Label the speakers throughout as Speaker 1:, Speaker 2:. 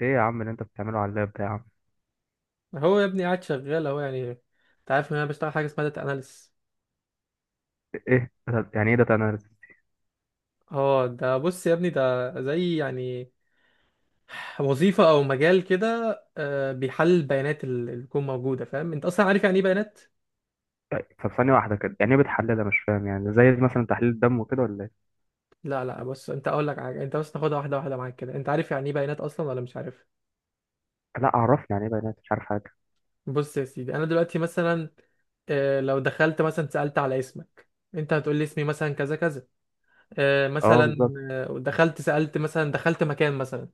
Speaker 1: ايه يا عم اللي انت بتعمله على اللاب ده يا عم؟
Speaker 2: هو يا ابني قاعد شغال اهو، يعني انت عارف ان انا بشتغل حاجه اسمها داتا اناليس.
Speaker 1: ايه يعني ايه داتا اناليسيس؟
Speaker 2: اه، ده بص يا ابني، ده زي يعني وظيفه او مجال كده. بيحلل البيانات اللي تكون موجوده. فاهم؟ انت اصلا عارف يعني ايه بيانات؟
Speaker 1: طب ثانية واحدة كده، يعني ايه بتحللها؟ مش فاهم، يعني زي مثلا تحليل الدم وكده ولا ايه؟
Speaker 2: لا لا، بص، انت اقول لك حاجه، انت بس تاخدها واحده واحده معاك كده. انت عارف يعني ايه بيانات اصلا ولا مش عارف؟
Speaker 1: لا، عرفني يعني ايه بيانات، مش عارف حاجة.
Speaker 2: بص يا سيدي، انا دلوقتي مثلا، لو دخلت مثلا سالت على اسمك، انت هتقول لي اسمي مثلا كذا كذا. آه،
Speaker 1: اه
Speaker 2: مثلا.
Speaker 1: بالظبط.
Speaker 2: دخلت سالت مثلا، دخلت مكان مثلا.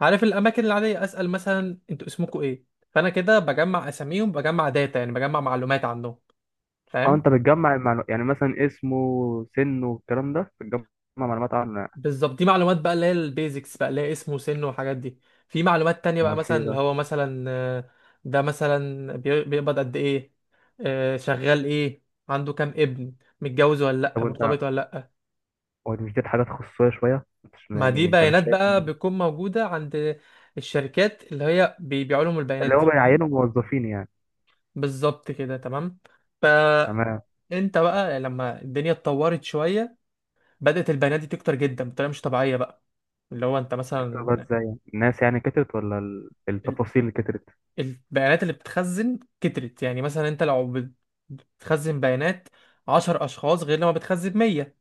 Speaker 2: عارف الاماكن العاديه، اسال مثلا انتوا اسمكم ايه. فانا كده بجمع اساميهم، بجمع داتا، يعني بجمع معلومات عنهم.
Speaker 1: اه،
Speaker 2: فاهم؟
Speaker 1: انت بتجمع المعلومات، يعني مثلا اسمه، سنه والكلام ده، بتجمع معلومات عن.
Speaker 2: بالظبط، دي معلومات بقى اللي هي البيزكس، بقى اللي هي اسمه وسنه والحاجات دي. في معلومات تانية بقى
Speaker 1: امال في
Speaker 2: مثلا
Speaker 1: إيه
Speaker 2: اللي
Speaker 1: ده؟
Speaker 2: هو مثلا، ده مثلا بيقبض قد ايه، شغال ايه، عنده كام ابن، متجوز ولا
Speaker 1: طب
Speaker 2: لا،
Speaker 1: وانت،
Speaker 2: مرتبط ولا لا.
Speaker 1: هو دي، مش دي حاجات خصوصية شوية؟ مش
Speaker 2: ما دي
Speaker 1: يعني انت مش
Speaker 2: بيانات
Speaker 1: شايف
Speaker 2: بقى بتكون موجوده عند الشركات اللي هي بيبيعوا لهم البيانات
Speaker 1: اللي هو
Speaker 2: دي. فاهم؟
Speaker 1: بيعينوا موظفين يعني؟
Speaker 2: بالظبط كده، تمام.
Speaker 1: تمام.
Speaker 2: انت بقى لما الدنيا اتطورت شويه، بدات البيانات دي تكتر جدا بطريقه مش طبيعيه بقى. اللي هو انت
Speaker 1: تكتب بقى
Speaker 2: مثلا،
Speaker 1: ازاي يعني؟ الناس يعني كترت ولا
Speaker 2: ال-
Speaker 1: التفاصيل اللي كترت؟
Speaker 2: البيانات اللي بتخزن كترت. يعني مثلا انت لو بتخزن بيانات 10 اشخاص غير لما بتخزن 100.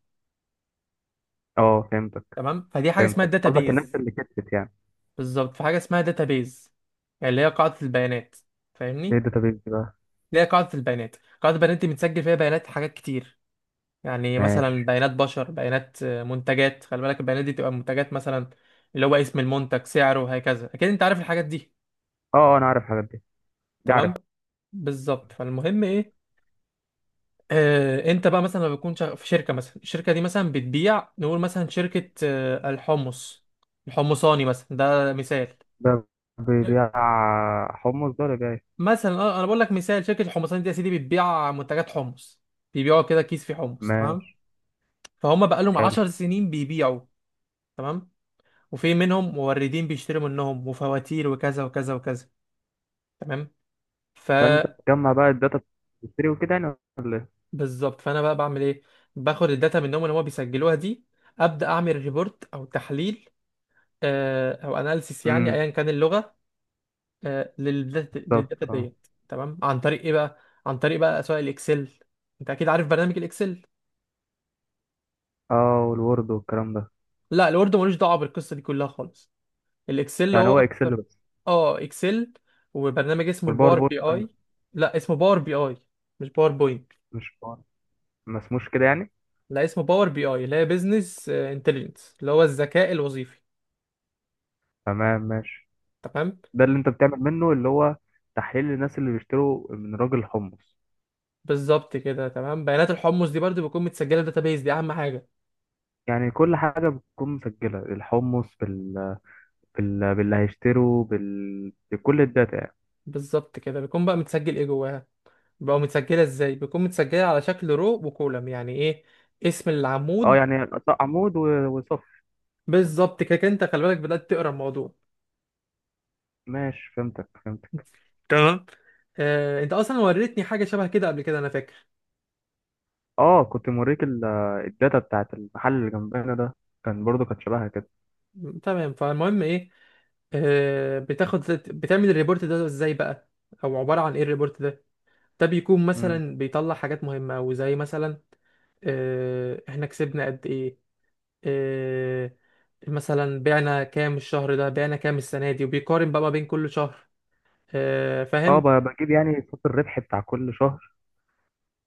Speaker 1: اه فهمتك
Speaker 2: تمام، فدي حاجه اسمها
Speaker 1: فهمتك، قصدك الناس
Speaker 2: داتابيز.
Speaker 1: اللي كترت يعني؟
Speaker 2: بالظبط، في حاجه اسمها داتابيز، يعني اللي هي قاعده البيانات.
Speaker 1: ايه
Speaker 2: فاهمني؟
Speaker 1: الداتابيز دي بقى؟
Speaker 2: اللي هي قاعده البيانات. قاعده البيانات دي بتسجل فيها بيانات حاجات كتير، يعني مثلا
Speaker 1: ماشي.
Speaker 2: بيانات بشر، بيانات منتجات. خلي بالك البيانات دي تبقى منتجات مثلا، اللي هو اسم المنتج سعره وهكذا. اكيد انت عارف الحاجات دي.
Speaker 1: اه انا عارف الحاجات دي، دي عارف.
Speaker 2: تمام، بالظبط. فالمهم ايه، انت بقى مثلا لما بتكون في شركه مثلا، الشركه دي مثلا بتبيع، نقول مثلا شركه الحمصاني مثلا، ده مثال.
Speaker 1: ده بيبيع حمص ده ولا بيبيع إيه؟
Speaker 2: مثلا، انا بقول لك مثال. شركه الحمصاني دي يا سيدي بتبيع منتجات حمص، بيبيعوا كده كيس في حمص، تمام؟
Speaker 1: ماشي.
Speaker 2: فهم بقى لهم
Speaker 1: حلو.
Speaker 2: 10 سنين بيبيعوا. تمام. وفي منهم موردين بيشتروا منهم، وفواتير وكذا وكذا وكذا. تمام.
Speaker 1: فانت
Speaker 2: فبالظبط،
Speaker 1: تجمع بقى الداتا، بتشتري وكده يعني ولا ايه؟
Speaker 2: فانا بقى بعمل ايه؟ باخد الداتا منهم اللي هم بيسجلوها دي، ابدا اعمل ريبورت او تحليل، او اناليسيس، يعني
Speaker 1: امم.
Speaker 2: ايا كان اللغه،
Speaker 1: بالظبط
Speaker 2: للداتا
Speaker 1: اه.
Speaker 2: ديت. تمام. عن طريق ايه بقى؟ عن طريق بقى سواء الاكسل، انت اكيد عارف برنامج الاكسل.
Speaker 1: اه والوورد والكلام ده.
Speaker 2: لا، الوورد ملوش دعوه بالقصه دي كلها خالص، الاكسل
Speaker 1: يعني
Speaker 2: هو
Speaker 1: هو اكسل
Speaker 2: اكتر.
Speaker 1: بس؟
Speaker 2: اه، اكسل. وبرنامج اسمه
Speaker 1: والباور
Speaker 2: الباور
Speaker 1: بوينت
Speaker 2: بي
Speaker 1: طيب؟
Speaker 2: اي. لا، اسمه باور بي اي، مش باور بوينت.
Speaker 1: مش باور، ما اسموش كده يعني؟
Speaker 2: لا، اسمه باور بي اي اللي هي بيزنس انتليجنس، اللي هو الذكاء الوظيفي.
Speaker 1: تمام ماشي.
Speaker 2: تمام.
Speaker 1: ده اللي انت بتعمل منه، اللي هو تحليل للناس اللي بيشتروا من راجل حمص؟
Speaker 2: بالظبط كده، تمام. بيانات الحمص دي برضو بتكون متسجله في داتابيز دي، اهم حاجه.
Speaker 1: يعني كل حاجة بتكون مسجلة، الحمص، باللي هيشتروا، بكل الداتا يعني؟
Speaker 2: بالظبط كده، بيكون بقى متسجل ايه جواها؟ بقى متسجله ازاي؟ بيكون متسجله على شكل رو وكولم. يعني ايه؟ اسم
Speaker 1: اه
Speaker 2: العمود.
Speaker 1: يعني عمود وصف.
Speaker 2: بالظبط كده، كده انت خلي بالك، بدات تقرا الموضوع.
Speaker 1: ماشي فهمتك فهمتك.
Speaker 2: تمام. انت اصلا وريتني حاجه شبه كده قبل كده، انا فاكر.
Speaker 1: اه كنت موريك الداتا بتاعت المحل اللي جنبنا ده، كان برضو كانت شبهها كده.
Speaker 2: تمام، فالمهم ايه، آه، بتاخد بتعمل الريبورت ده ازاي بقى؟ او عباره عن ايه الريبورت ده؟ ده بيكون
Speaker 1: مم.
Speaker 2: مثلا بيطلع حاجات مهمة أوي، زي مثلا احنا كسبنا قد ايه. آه، مثلا بعنا كام الشهر ده، بعنا كام السنة دي، وبيقارن بقى ما بين كل شهر.
Speaker 1: اه
Speaker 2: فاهم؟
Speaker 1: بجيب يعني صافي الربح بتاع كل شهر.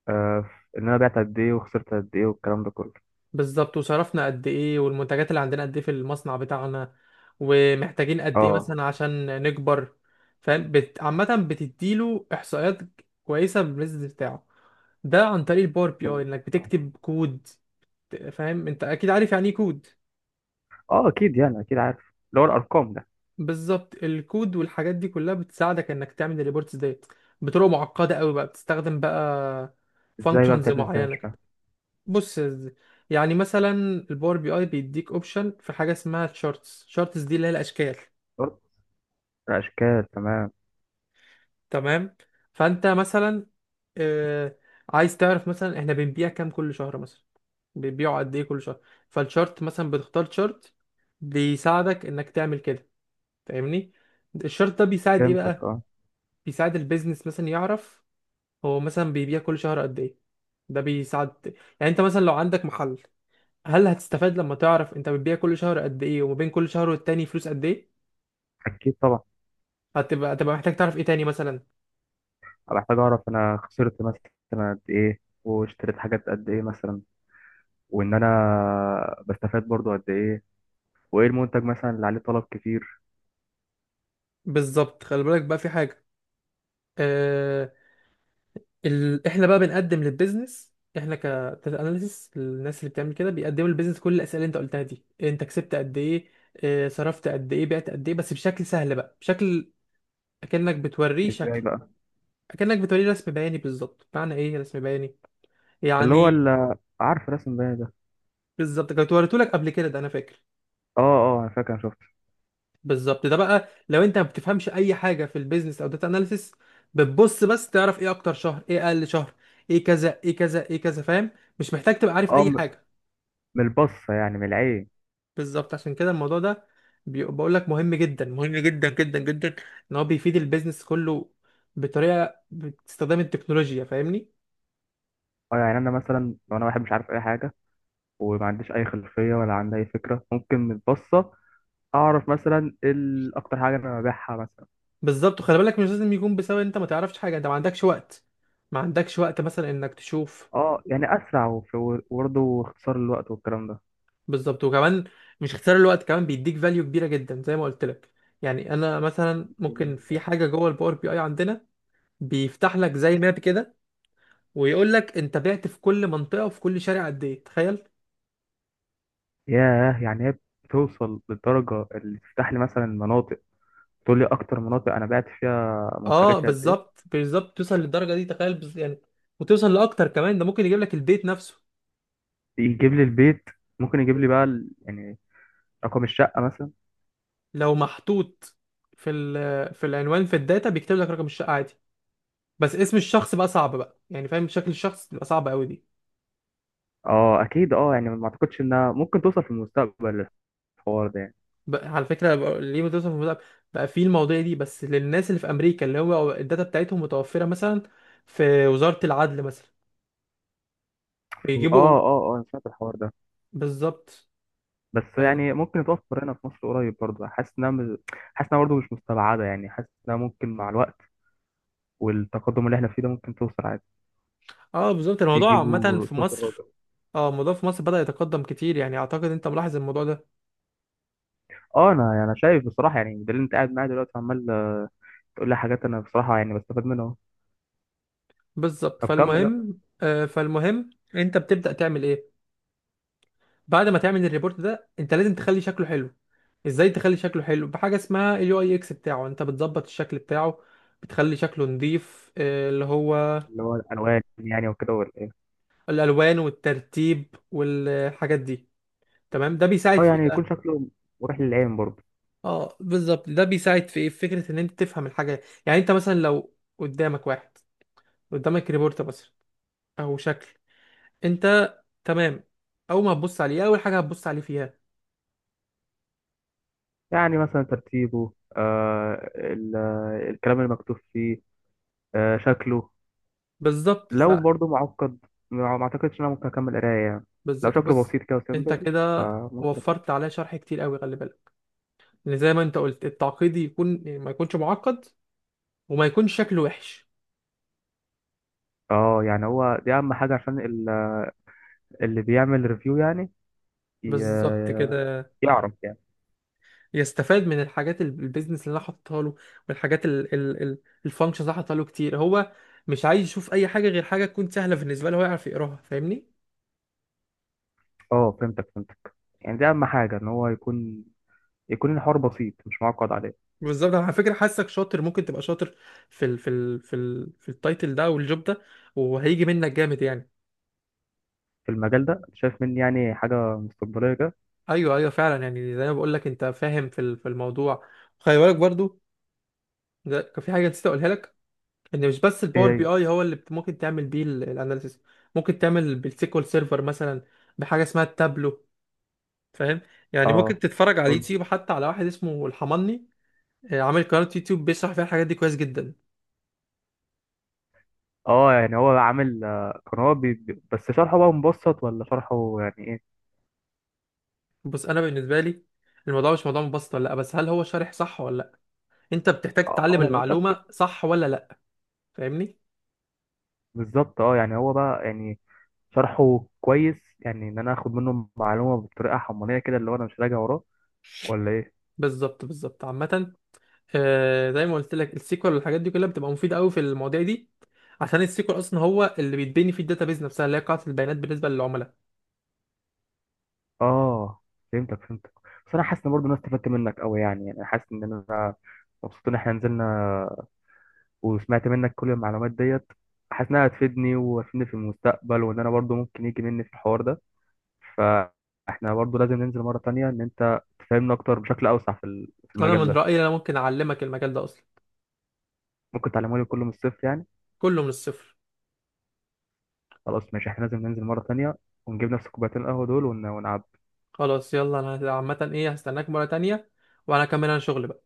Speaker 1: آه، ان انا بعت قد ايه وخسرت قد ايه والكلام ده كله.
Speaker 2: بالظبط، وصرفنا قد ايه، والمنتجات اللي عندنا قد ايه في المصنع بتاعنا، ومحتاجين قد ايه
Speaker 1: اه
Speaker 2: مثلا عشان نكبر. فاهم؟ عامة بتديله احصائيات كويسة بالبيزنس بتاعه. ده عن طريق الباور بي اي،
Speaker 1: فهمت.
Speaker 2: انك بتكتب كود. فاهم؟ انت اكيد عارف يعني ايه كود.
Speaker 1: اه اكيد يعني اكيد عارف، اللي هو الارقام ده.
Speaker 2: بالظبط، الكود والحاجات دي كلها بتساعدك انك تعمل الريبورتس ديت بطرق معقده قوي بقى، بتستخدم بقى
Speaker 1: ازاي بقى
Speaker 2: فانكشنز
Speaker 1: بتعمل ازاي؟
Speaker 2: معينه
Speaker 1: مش فاهم.
Speaker 2: كده. بص يعني مثلا، الباور بي اي بيديك اوبشن في حاجه اسمها تشارتس. تشارتس دي اللي هي الاشكال.
Speaker 1: برضو الاشكال تمام.
Speaker 2: تمام. فانت مثلا آه عايز تعرف مثلا احنا بنبيع كام كل شهر، مثلا بنبيعوا قد ايه كل شهر. فالشارت، مثلا بتختار شارت بيساعدك انك تعمل كده. فاهمني؟ الشارت ده بيساعد ايه
Speaker 1: فهمتك
Speaker 2: بقى؟
Speaker 1: اه.
Speaker 2: بيساعد البيزنس مثلا يعرف، هو مثلا بيبيع كل شهر قد ايه. ده بيساعد، يعني انت مثلا لو عندك محل، هل هتستفاد لما تعرف انت بتبيع كل شهر قد ايه، وما بين كل شهر والتاني فلوس قد ايه؟
Speaker 1: اكيد طبعا.
Speaker 2: هتبقى محتاج تعرف ايه تاني مثلا؟
Speaker 1: أنا محتاج أعرف، أنا خسرت مثلا قد إيه، واشتريت حاجات قد إيه مثلا، وإن أنا بستفاد برضو قد إيه، وإيه المنتج مثلا اللي عليه طلب كتير.
Speaker 2: بالظبط، خلي بالك بقى في حاجة. اه... احنا بقى بنقدم للبيزنس، احنا ك data analysis، الناس اللي بتعمل كده بيقدموا للبيزنس كل الاسئله اللي انت قلتها دي: انت كسبت قد ايه، اه... صرفت قد ايه، بعت قد ايه، بس بشكل سهل بقى، بشكل اكنك بتوريه
Speaker 1: إزاي
Speaker 2: شكل،
Speaker 1: بقى؟
Speaker 2: اكنك بتوريه رسم بياني. بالظبط، معنى ايه رسم بياني؟
Speaker 1: اللي هو
Speaker 2: يعني،
Speaker 1: اللي، عارف رسم بقى ده.
Speaker 2: بالظبط كنت وريته لك قبل كده، ده انا فاكر.
Speaker 1: أه أه أنا فاكر، أنا شفت.
Speaker 2: بالظبط، ده بقى لو انت ما بتفهمش اي حاجه في البيزنس او داتا اناليسيس، بتبص بس تعرف ايه اكتر شهر، ايه اقل شهر، ايه كذا ايه كذا ايه كذا. فاهم؟ مش محتاج تبقى عارف
Speaker 1: أه
Speaker 2: اي حاجه.
Speaker 1: من البصة، يعني من العين.
Speaker 2: بالظبط، عشان كده الموضوع ده بقول لك مهم جدا، مهم جدا جدا جدا. ان هو بيفيد البيزنس كله بطريقه باستخدام التكنولوجيا. فاهمني؟
Speaker 1: أه، يعني أنا مثلا لو أنا واحد مش عارف أي حاجة، وما عنديش أي خلفية ولا عندي أي فكرة، ممكن من البصة أعرف مثلا أكتر حاجة أنا ببيعها مثلا.
Speaker 2: بالظبط، وخلي بالك مش لازم يكون بسبب انت ما تعرفش حاجه، انت ما عندكش وقت. ما عندكش وقت مثلا انك تشوف.
Speaker 1: أه يعني أسرع، وبرضه اختصار الوقت والكلام
Speaker 2: بالظبط، وكمان مش اختصار الوقت، كمان بيديك فاليو كبيره جدا زي ما قلت لك. يعني انا مثلا ممكن في
Speaker 1: ده.
Speaker 2: حاجه جوه الباور بي اي عندنا، بيفتح لك زي ماب كده، ويقول لك انت بعت في كل منطقه وفي كل شارع قد ايه. تخيل!
Speaker 1: ياه، يعني هي بتوصل للدرجة اللي تفتح لي مثلا مناطق، تقول لي أكتر مناطق أنا بعت فيها
Speaker 2: اه
Speaker 1: منتجاتي قد إيه؟
Speaker 2: بالظبط توصل للدرجه دي، تخيل يعني، وتوصل لاكتر كمان. ده ممكن يجيب لك البيت نفسه،
Speaker 1: يجيب لي البيت، ممكن يجيب لي بقى يعني رقم الشقة مثلا؟
Speaker 2: لو محطوط في العنوان، في الداتا بيكتب لك رقم الشقه عادي. بس اسم الشخص بقى صعب بقى، يعني فاهم، شكل الشخص بيبقى صعب قوي دي.
Speaker 1: أه أكيد، أه يعني ما أعتقدش إنها ممكن توصل في المستقبل الحوار ده يعني.
Speaker 2: بقى على فكرة ليه بتوصل في الموضوع بقى؟ في المواضيع دي بس للناس اللي في أمريكا، اللي هو الداتا بتاعتهم متوفرة مثلا في وزارة العدل مثلا،
Speaker 1: أه
Speaker 2: بيجيبوا.
Speaker 1: أه أه أنا سمعت الحوار ده.
Speaker 2: بالظبط.
Speaker 1: بس
Speaker 2: فاهم.
Speaker 1: يعني ممكن يتوفر هنا في مصر قريب، برضه حاسس إنها حاسس إنها برضه مش مستبعدة، يعني حاسس إنها ممكن مع الوقت والتقدم اللي إحنا فيه ده ممكن توصل عادي.
Speaker 2: اه بالظبط، الموضوع عامة
Speaker 1: يجيبوا
Speaker 2: في
Speaker 1: صورة
Speaker 2: مصر،
Speaker 1: الراجل.
Speaker 2: اه، الموضوع في مصر بدأ يتقدم كتير، يعني أعتقد أنت ملاحظ الموضوع ده.
Speaker 1: اه انا يعني انا شايف بصراحه، يعني ده اللي انت قاعد معايا دلوقتي عمال تقول لي حاجات، انا بصراحه يعني بستفاد منها أهو.
Speaker 2: بالظبط،
Speaker 1: طب كمل بقى.
Speaker 2: فالمهم أنت بتبدأ تعمل إيه بعد ما تعمل الريبورت ده؟ أنت لازم تخلي شكله حلو. ازاي تخلي شكله حلو؟ بحاجه اسمها اليو اي اكس بتاعه، انت بتظبط الشكل بتاعه، بتخلي شكله نظيف، اللي هو
Speaker 1: اللي هو الالوان يعني وكده ولا ايه؟
Speaker 2: الالوان والترتيب والحاجات دي. تمام. ده بيساعد
Speaker 1: اه
Speaker 2: في ايه
Speaker 1: يعني يكون
Speaker 2: بقى؟
Speaker 1: شكله مريح للعين برضه.
Speaker 2: اه بالظبط، ده بيساعد في ايه في فكره ان انت تفهم الحاجه. يعني انت مثلا لو قدامك واحد، قدامك ريبورت مثلا، او شكل، انت تمام، اول ما هتبص عليه، اول حاجه هتبص عليه فيها.
Speaker 1: يعني مثلا ترتيبه، الكلام اللي مكتوب فيه، شكله.
Speaker 2: بالظبط
Speaker 1: لو برضه معقد، ما اعتقدش ان انا ممكن اكمل قرايه يعني. لو شكله
Speaker 2: بص،
Speaker 1: بسيط كده
Speaker 2: انت
Speaker 1: وسيمبل،
Speaker 2: كده
Speaker 1: فممكن أكمل.
Speaker 2: وفرت عليا شرح كتير قوي. خلي بالك، لان زي ما انت قلت، التعقيد يكون، يعني ما يكونش معقد وما يكونش شكله وحش.
Speaker 1: اه يعني هو دي اهم حاجه عشان اللي بيعمل ريفيو يعني ي-
Speaker 2: بالظبط كده.
Speaker 1: يعرف يعني.
Speaker 2: يستفاد من الحاجات البيزنس اللي انا حاططها له، والحاجات الفانكشنز اللي أنا حاططها له كتير. هو مش عايز يشوف اي حاجه غير حاجه تكون سهله بالنسبه له، هو يعرف يقراها. فاهمني؟
Speaker 1: اه فهمتك فهمتك. يعني دي اهم حاجه ان هو يكون الحوار بسيط مش معقد عليه.
Speaker 2: بالظبط. أنا على فكره حاسك شاطر، ممكن تبقى شاطر في التايتل ده والجوب ده، وهيجي منك جامد يعني.
Speaker 1: في المجال ده أنت شايف مني يعني حاجه مستقبليه كده؟
Speaker 2: ايوه ايوه فعلا، يعني زي ما بقول لك، انت فاهم في في الموضوع. خلي بالك برضو، ده كان في حاجه نسيت اقولها لك، ان مش بس
Speaker 1: ايه
Speaker 2: الباور بي
Speaker 1: هي؟
Speaker 2: اي هو اللي ممكن تعمل بيه الاناليسيس. ممكن تعمل بالسيكوال سيرفر مثلا، بحاجه اسمها التابلو. فاهم؟ يعني ممكن
Speaker 1: اه
Speaker 2: تتفرج على
Speaker 1: قول.
Speaker 2: اليوتيوب حتى على واحد اسمه الحمني، عامل قناة يوتيوب بيشرح فيها الحاجات دي كويس جدا.
Speaker 1: اه يعني هو عامل، كان هو بس شرحه بقى مبسط ولا شرحه يعني ايه؟
Speaker 2: بس انا بالنسبة لي، الموضوع مش موضوع مبسط ولا لا، بس هل هو شارح صح ولا لا؟ انت بتحتاج
Speaker 1: اه
Speaker 2: تتعلم
Speaker 1: ما انا متأكد.
Speaker 2: المعلومة صح ولا لا. فاهمني؟
Speaker 1: بالظبط اه يعني هو بقى يعني شرحه كويس، يعني ان انا اخد منه معلومه بطريقه حمانيه كده، اللي هو انا مش راجع وراه ولا ايه؟
Speaker 2: بالظبط بالظبط، عامة زي ما قلت لك السيكوال والحاجات دي كلها بتبقى مفيدة قوي في المواضيع دي، عشان السيكوال اصلا هو اللي بيتبني فيه الداتابيز نفسها، اللي هي قاعدة البيانات بالنسبة للعملاء.
Speaker 1: اه فهمتك فهمتك. بس انا حاسس ان برضه انا استفدت منك قوي، يعني حاسس ان انا مبسوط ان احنا نزلنا وسمعت منك كل المعلومات ديت، حاسس انها هتفيدني وهتفيدني في المستقبل، وان انا برضه ممكن يجي مني في الحوار ده، فاحنا برضه لازم ننزل مرة تانية ان انت تفهمنا اكتر بشكل اوسع في في
Speaker 2: انا
Speaker 1: المجال
Speaker 2: من
Speaker 1: ده.
Speaker 2: رأيي انا ممكن اعلمك المجال ده اصلا.
Speaker 1: ممكن تعلمه لي كله من الصفر يعني؟
Speaker 2: كله من الصفر.
Speaker 1: خلاص ماشي، احنا لازم ننزل مرة تانية ونجيب نفس كوبايتين القهوة دول ونعبي.
Speaker 2: خلاص يلا، انا عامة ايه هستناك مرة تانية. وانا كمان انا شغل.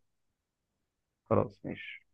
Speaker 1: خلاص ماشي.